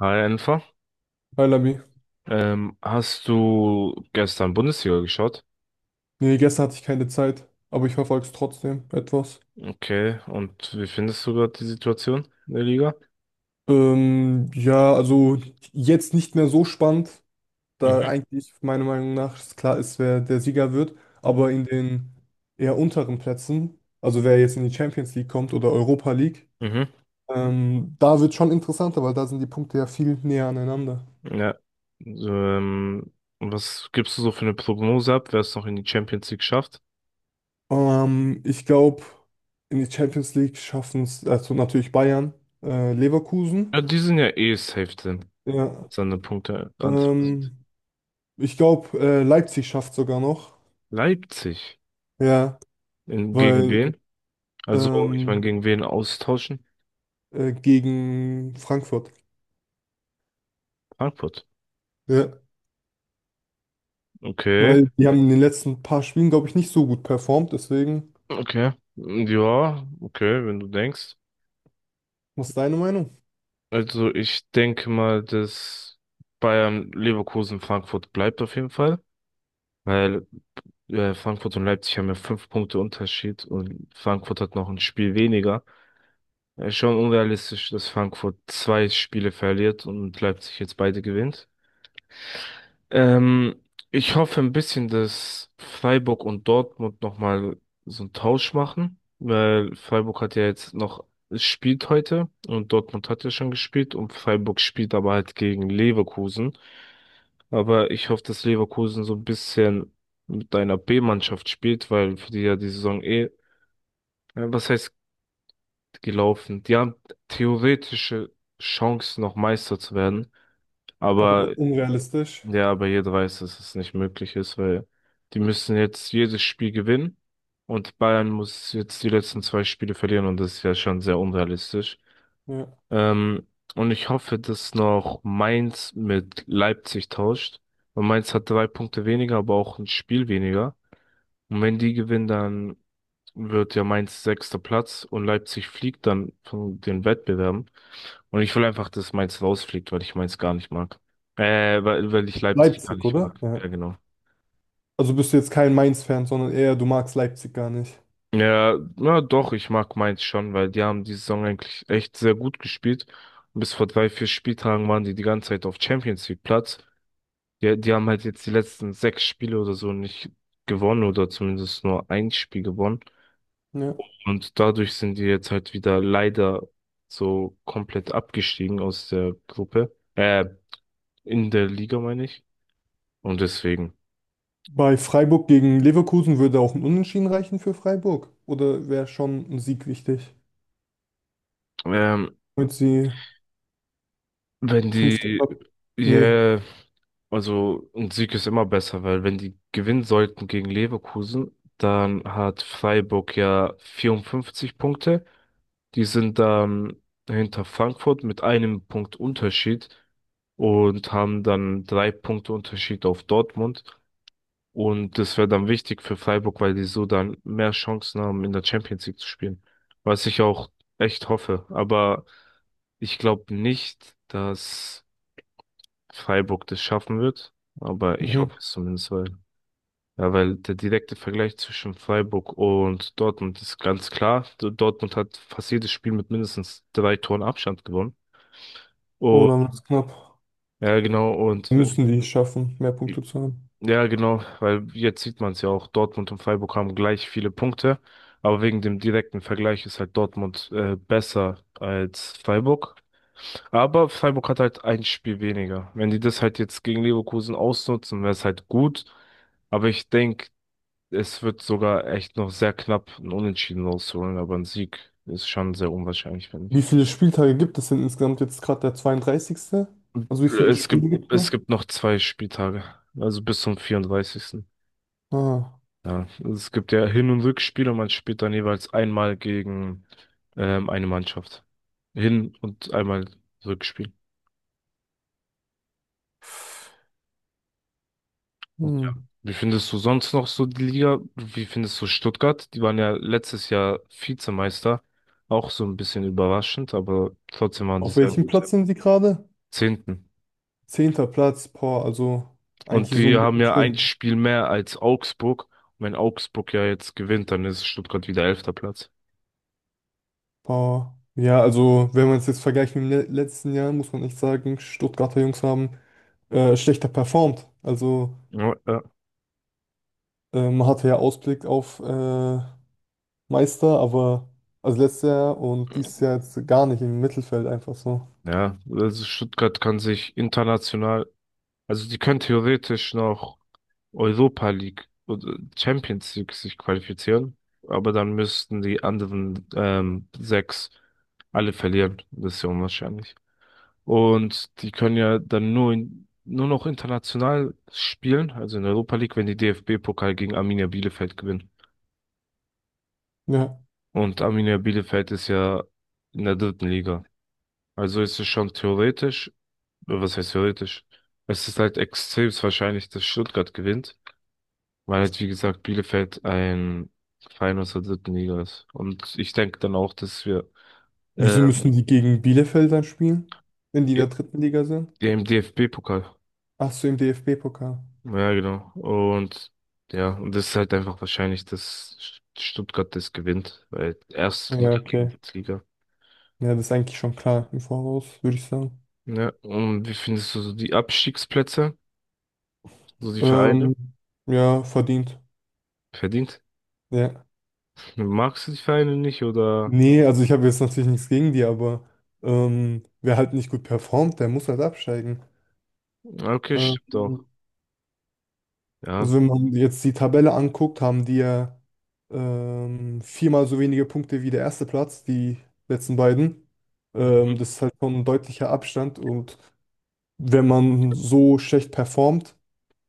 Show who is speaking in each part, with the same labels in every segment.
Speaker 1: Hi Enfer,
Speaker 2: Hi Lami.
Speaker 1: hast du gestern Bundesliga geschaut?
Speaker 2: Nee, gestern hatte ich keine Zeit, aber ich verfolge es trotzdem etwas.
Speaker 1: Okay, und wie findest du gerade die Situation in der Liga?
Speaker 2: Ja, also jetzt nicht mehr so spannend, da
Speaker 1: Mhm.
Speaker 2: eigentlich meiner Meinung nach es klar ist, wer der Sieger wird, aber in den eher unteren Plätzen, also wer jetzt in die Champions League kommt oder Europa League,
Speaker 1: Mhm.
Speaker 2: da wird schon interessanter, weil da sind die Punkte ja viel näher aneinander.
Speaker 1: Ja. so, Ähm, Was gibst du so für eine Prognose ab, wer es noch in die Champions League schafft?
Speaker 2: Ich glaube, in die Champions League schaffen es also natürlich Bayern, Leverkusen.
Speaker 1: Ja, die sind ja eh safe drin,
Speaker 2: Ja.
Speaker 1: als an den Punkte Antrag sind.
Speaker 2: Ähm, Ich glaube, Leipzig schafft sogar noch.
Speaker 1: Leipzig.
Speaker 2: Ja,
Speaker 1: In, gegen
Speaker 2: weil
Speaker 1: wen? Also, ich meine,
Speaker 2: ähm,
Speaker 1: gegen wen austauschen?
Speaker 2: gegen Frankfurt.
Speaker 1: Frankfurt.
Speaker 2: Ja,
Speaker 1: Okay,
Speaker 2: weil die haben in den letzten paar Spielen, glaube ich, nicht so gut performt. Deswegen,
Speaker 1: okay. Ja, okay, wenn du denkst.
Speaker 2: was ist deine Meinung?
Speaker 1: Also ich denke mal, dass Bayern, Leverkusen, Frankfurt bleibt auf jeden Fall, weil Frankfurt und Leipzig haben ja fünf Punkte Unterschied und Frankfurt hat noch ein Spiel weniger. Schon unrealistisch, dass Frankfurt zwei Spiele verliert und Leipzig jetzt beide gewinnt. Ähm, Ich hoffe ein bisschen, dass Freiburg und Dortmund nochmal so einen Tausch machen, weil Freiburg hat ja jetzt noch, es spielt heute und Dortmund hat ja schon gespielt und Freiburg spielt aber halt gegen Leverkusen. Aber ich hoffe, dass Leverkusen so ein bisschen mit einer B-Mannschaft spielt, weil für die ja die Saison was heißt gelaufen? Die haben theoretische Chancen, noch Meister zu werden.
Speaker 2: Aber
Speaker 1: Aber
Speaker 2: unrealistisch.
Speaker 1: ja, aber jeder weiß, dass es nicht möglich ist, weil die müssen jetzt jedes Spiel gewinnen und Bayern muss jetzt die letzten zwei Spiele verlieren und das ist ja schon sehr unrealistisch.
Speaker 2: Ja.
Speaker 1: Ähm, und ich hoffe, dass noch Mainz mit Leipzig tauscht. Und Mainz hat drei Punkte weniger, aber auch ein Spiel weniger. Und wenn die gewinnen, dann wird ja Mainz sechster Platz und Leipzig fliegt dann von den Wettbewerben. Und ich will einfach, dass Mainz rausfliegt, weil ich Mainz gar nicht mag. Weil, ich Leipzig gar
Speaker 2: Leipzig,
Speaker 1: nicht
Speaker 2: oder?
Speaker 1: mag. Ja,
Speaker 2: Ja.
Speaker 1: genau.
Speaker 2: Also bist du jetzt kein Mainz-Fan, sondern eher du magst Leipzig gar nicht.
Speaker 1: Ja, ja, doch, ich mag Mainz schon, weil die haben die Saison eigentlich echt sehr gut gespielt. Und bis vor drei, vier Spieltagen waren die die ganze Zeit auf Champions League Platz. Die haben halt jetzt die letzten sechs Spiele oder so nicht gewonnen oder zumindest nur ein Spiel gewonnen.
Speaker 2: Ja.
Speaker 1: Und dadurch sind die jetzt halt wieder leider so komplett abgestiegen aus der Gruppe. In der Liga meine ich. Und deswegen,
Speaker 2: Bei Freiburg gegen Leverkusen würde auch ein Unentschieden reichen für Freiburg. Oder wäre schon ein Sieg wichtig?
Speaker 1: ähm,
Speaker 2: Damit sie
Speaker 1: wenn
Speaker 2: fünfter
Speaker 1: die,
Speaker 2: Platz. Nee.
Speaker 1: ja, also ein Sieg ist immer besser, weil wenn die gewinnen sollten gegen Leverkusen, dann hat Freiburg ja 54 Punkte. Die sind dann hinter Frankfurt mit einem Punkt Unterschied und haben dann drei Punkte Unterschied auf Dortmund. Und das wäre dann wichtig für Freiburg, weil die so dann mehr Chancen haben, in der Champions League zu spielen. Was ich auch echt hoffe. Aber ich glaube nicht, dass Freiburg das schaffen wird. Aber ich hoffe
Speaker 2: Mhm.
Speaker 1: es zumindest, weil, ja, weil der direkte Vergleich zwischen Freiburg und Dortmund ist ganz klar. Dortmund hat fast jedes Spiel mit mindestens drei Toren Abstand gewonnen.
Speaker 2: Oh,
Speaker 1: Und
Speaker 2: dann wird es knapp.
Speaker 1: ja, genau. Und
Speaker 2: Müssen die es schaffen, mehr Punkte zu haben.
Speaker 1: ja, genau, weil jetzt sieht man es ja auch, Dortmund und Freiburg haben gleich viele Punkte, aber wegen dem direkten Vergleich ist halt Dortmund besser als Freiburg. Aber Freiburg hat halt ein Spiel weniger. Wenn die das halt jetzt gegen Leverkusen ausnutzen, wäre es halt gut. Aber ich denke, es wird sogar echt noch sehr knapp ein Unentschieden rausholen, aber ein Sieg ist schon sehr unwahrscheinlich, finde
Speaker 2: Wie
Speaker 1: ich.
Speaker 2: viele Spieltage gibt es denn insgesamt jetzt gerade der 32.? Also wie viele Spiele gibt es
Speaker 1: Es
Speaker 2: noch?
Speaker 1: gibt noch zwei Spieltage, also bis zum 34.
Speaker 2: Ah,
Speaker 1: Ja, also es gibt ja Hin- und rückspiele und man spielt dann jeweils einmal gegen eine Mannschaft. Hin- und einmal Rückspiel. Und ja.
Speaker 2: hm.
Speaker 1: Wie findest du sonst noch so die Liga? Wie findest du Stuttgart? Die waren ja letztes Jahr Vizemeister. Auch so ein bisschen überraschend, aber trotzdem waren die
Speaker 2: Auf
Speaker 1: sehr
Speaker 2: welchem
Speaker 1: gut.
Speaker 2: Platz sind sie gerade?
Speaker 1: Zehnten.
Speaker 2: Zehnter Platz, boah, also
Speaker 1: Und
Speaker 2: eigentlich so
Speaker 1: die haben ja ein
Speaker 2: mittendrin.
Speaker 1: Spiel mehr als Augsburg. Und wenn Augsburg ja jetzt gewinnt, dann ist Stuttgart wieder elfter Platz.
Speaker 2: Boah. Ja, also wenn man es jetzt vergleicht mit dem le letzten Jahr, muss man echt sagen, Stuttgarter Jungs haben schlechter performt. Also
Speaker 1: Ja,
Speaker 2: man hatte ja Ausblick auf Meister, aber also letztes Jahr und dieses Jahr jetzt gar nicht im Mittelfeld einfach so.
Speaker 1: ja, also Stuttgart kann sich international. Also die können theoretisch noch Europa League oder Champions League sich qualifizieren, aber dann müssten die anderen sechs alle verlieren. Das ist ja unwahrscheinlich. Und die können ja dann nur noch international spielen, also in Europa League, wenn die DFB-Pokal gegen Arminia Bielefeld gewinnen.
Speaker 2: Ja.
Speaker 1: Und Arminia Bielefeld ist ja in der dritten Liga. Also ist es schon theoretisch, was heißt theoretisch? Es ist halt extrem wahrscheinlich, dass Stuttgart gewinnt. Weil jetzt, wie gesagt, Bielefeld ein Verein aus der dritten Liga ist. Und ich denke dann auch, dass wir
Speaker 2: Wieso
Speaker 1: ähm,
Speaker 2: müssen die gegen Bielefeld dann spielen, wenn die in
Speaker 1: ja,
Speaker 2: der dritten Liga sind?
Speaker 1: ja, im DFB-Pokal.
Speaker 2: Ach so, im DFB-Pokal.
Speaker 1: Ja, genau. Und ja, und das ist halt einfach wahrscheinlich, dass Stuttgart das gewinnt, weil
Speaker 2: Ja,
Speaker 1: Erstliga gegen
Speaker 2: okay.
Speaker 1: Drittliga.
Speaker 2: Ja, das ist eigentlich schon klar im Voraus, würde ich sagen.
Speaker 1: Ja, und wie findest du so die Abstiegsplätze, so die Vereine?
Speaker 2: Ähm, ja, verdient.
Speaker 1: Verdient?
Speaker 2: Ja.
Speaker 1: Magst du die Vereine nicht oder?
Speaker 2: Nee, also ich habe jetzt natürlich nichts gegen die, aber wer halt nicht gut performt, der muss halt absteigen.
Speaker 1: Ah, okay, stimmt doch.
Speaker 2: Ähm,
Speaker 1: Ja.
Speaker 2: also wenn man jetzt die Tabelle anguckt, haben die ja viermal so wenige Punkte wie der erste Platz, die letzten beiden.
Speaker 1: Mhm.
Speaker 2: Das ist halt schon ein deutlicher Abstand und wenn man so schlecht performt,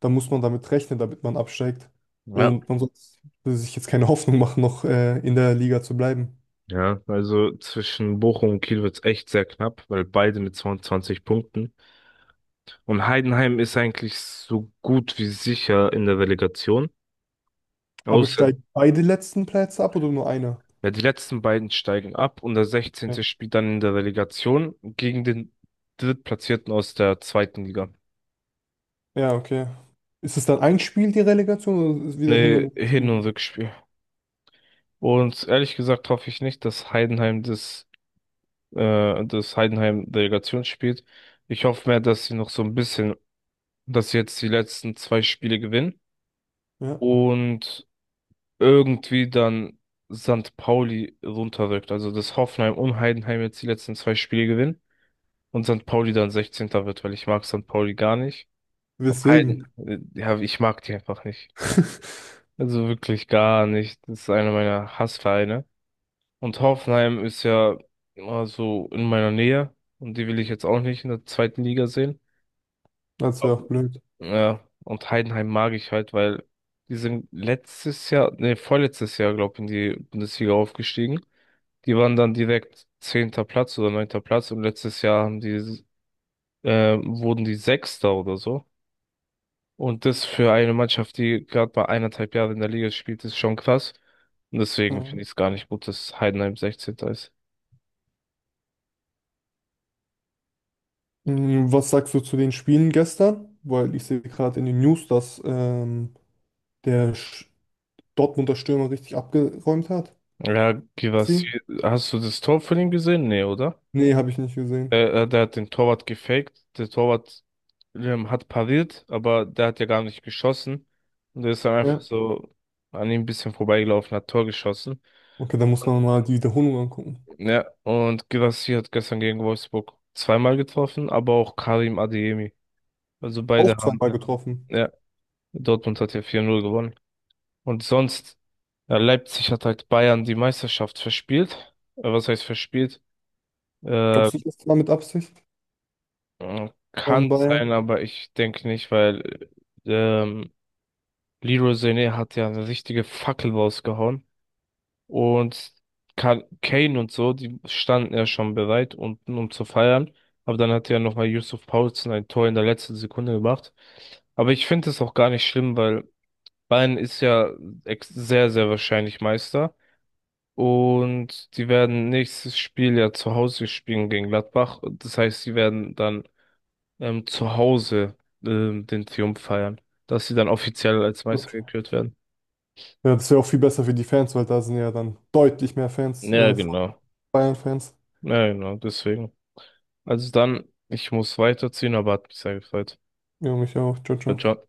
Speaker 2: dann muss man damit rechnen, damit man absteigt.
Speaker 1: Ja,
Speaker 2: Und man sollte sich jetzt keine Hoffnung machen, noch in der Liga zu bleiben.
Speaker 1: ja, also zwischen Bochum und Kiel wird's echt sehr knapp, weil beide mit 22 Punkten. Und Heidenheim ist eigentlich so gut wie sicher in der Relegation. Ja.
Speaker 2: Aber
Speaker 1: Außer,
Speaker 2: steigen beide letzten Plätze ab oder nur einer?
Speaker 1: ja, die letzten beiden steigen ab und der
Speaker 2: Ja,
Speaker 1: 16. spielt dann in der Relegation gegen den Drittplatzierten aus der zweiten Liga. Mhm.
Speaker 2: Ja, okay. Ist es dann ein Spiel, die Relegation, oder ist es wieder hin und
Speaker 1: Nee,
Speaker 2: her
Speaker 1: Hin- und
Speaker 2: Spiel?
Speaker 1: Rückspiel. Und ehrlich gesagt hoffe ich nicht, dass Heidenheim das, das Heidenheim Relegation spielt. Ich hoffe mehr, dass sie noch so ein bisschen, dass sie jetzt die letzten zwei Spiele gewinnen
Speaker 2: Ja,
Speaker 1: und irgendwie dann St. Pauli runterrückt. Also dass Hoffenheim und Heidenheim jetzt die letzten zwei Spiele gewinnen und St. Pauli dann sechzehnter wird, weil ich mag St. Pauli gar nicht. Und
Speaker 2: weswegen?
Speaker 1: Ja, ich mag die einfach nicht. Also wirklich gar nicht. Das ist einer meiner Hassvereine. Und Hoffenheim ist ja immer so in meiner Nähe und die will ich jetzt auch nicht in der zweiten Liga sehen.
Speaker 2: Das wäre auch blöd.
Speaker 1: Ja, und Heidenheim mag ich halt, weil die sind letztes Jahr, nee, vorletztes Jahr, glaube ich, in die Bundesliga aufgestiegen. Die waren dann direkt zehnter Platz oder neunter Platz und letztes Jahr haben die, wurden die Sechster oder so. Und das für eine Mannschaft, die gerade bei eineinhalb Jahren in der Liga spielt, ist schon krass. Und deswegen
Speaker 2: Ja.
Speaker 1: finde ich es gar nicht gut, dass Heidenheim sechzehnter ist.
Speaker 2: Mm, was sagst du zu den Spielen gestern? Weil ich sehe gerade in den News, dass der Sch- Dortmunder Stürmer richtig abgeräumt hat.
Speaker 1: Ja, Givas,
Speaker 2: Sie?
Speaker 1: hast du das Tor von ihm gesehen? Nee, oder?
Speaker 2: Nee, habe ich nicht gesehen.
Speaker 1: Der hat den Torwart gefaked. Der Torwart hat pariert, aber der hat ja gar nicht geschossen. Und der ist dann einfach
Speaker 2: Ja.
Speaker 1: so an ihm ein bisschen vorbeigelaufen, hat Tor geschossen.
Speaker 2: Okay, dann muss man mal die Wiederholung angucken.
Speaker 1: Ja, und Guirassy hat gestern gegen Wolfsburg zweimal getroffen, aber auch Karim Adeyemi. Also beide
Speaker 2: Auch
Speaker 1: haben,
Speaker 2: zweimal getroffen.
Speaker 1: ja, Dortmund hat ja 4:0 gewonnen. Und sonst, ja, Leipzig hat halt Bayern die Meisterschaft verspielt. Was heißt verspielt? Äh,
Speaker 2: Glaubst du nicht, das war mit Absicht
Speaker 1: Kann
Speaker 2: von Bayern?
Speaker 1: sein, aber ich denke nicht, weil ähm, Leroy Sané hat ja eine richtige Fackel rausgehauen. Und Kane und so, die standen ja schon bereit, unten, um zu feiern. Aber dann hat ja nochmal Yusuf Poulsen ein Tor in der letzten Sekunde gemacht. Aber ich finde es auch gar nicht schlimm, weil Bayern ist ja sehr, sehr wahrscheinlich Meister. Und die werden nächstes Spiel ja zu Hause spielen gegen Gladbach. Das heißt, sie werden dann zu Hause den Triumph feiern, dass sie dann offiziell als Meister
Speaker 2: Okay.
Speaker 1: gekürt werden.
Speaker 2: Ja, das wäre auch viel besser für die Fans, weil da sind ja dann deutlich mehr Fans,
Speaker 1: Ja,
Speaker 2: von
Speaker 1: genau.
Speaker 2: Bayern-Fans.
Speaker 1: Ja, genau, deswegen. Also dann, ich muss weiterziehen, aber hat mich sehr gefreut.
Speaker 2: Ja, mich auch. Ciao, ciao.
Speaker 1: Ciao.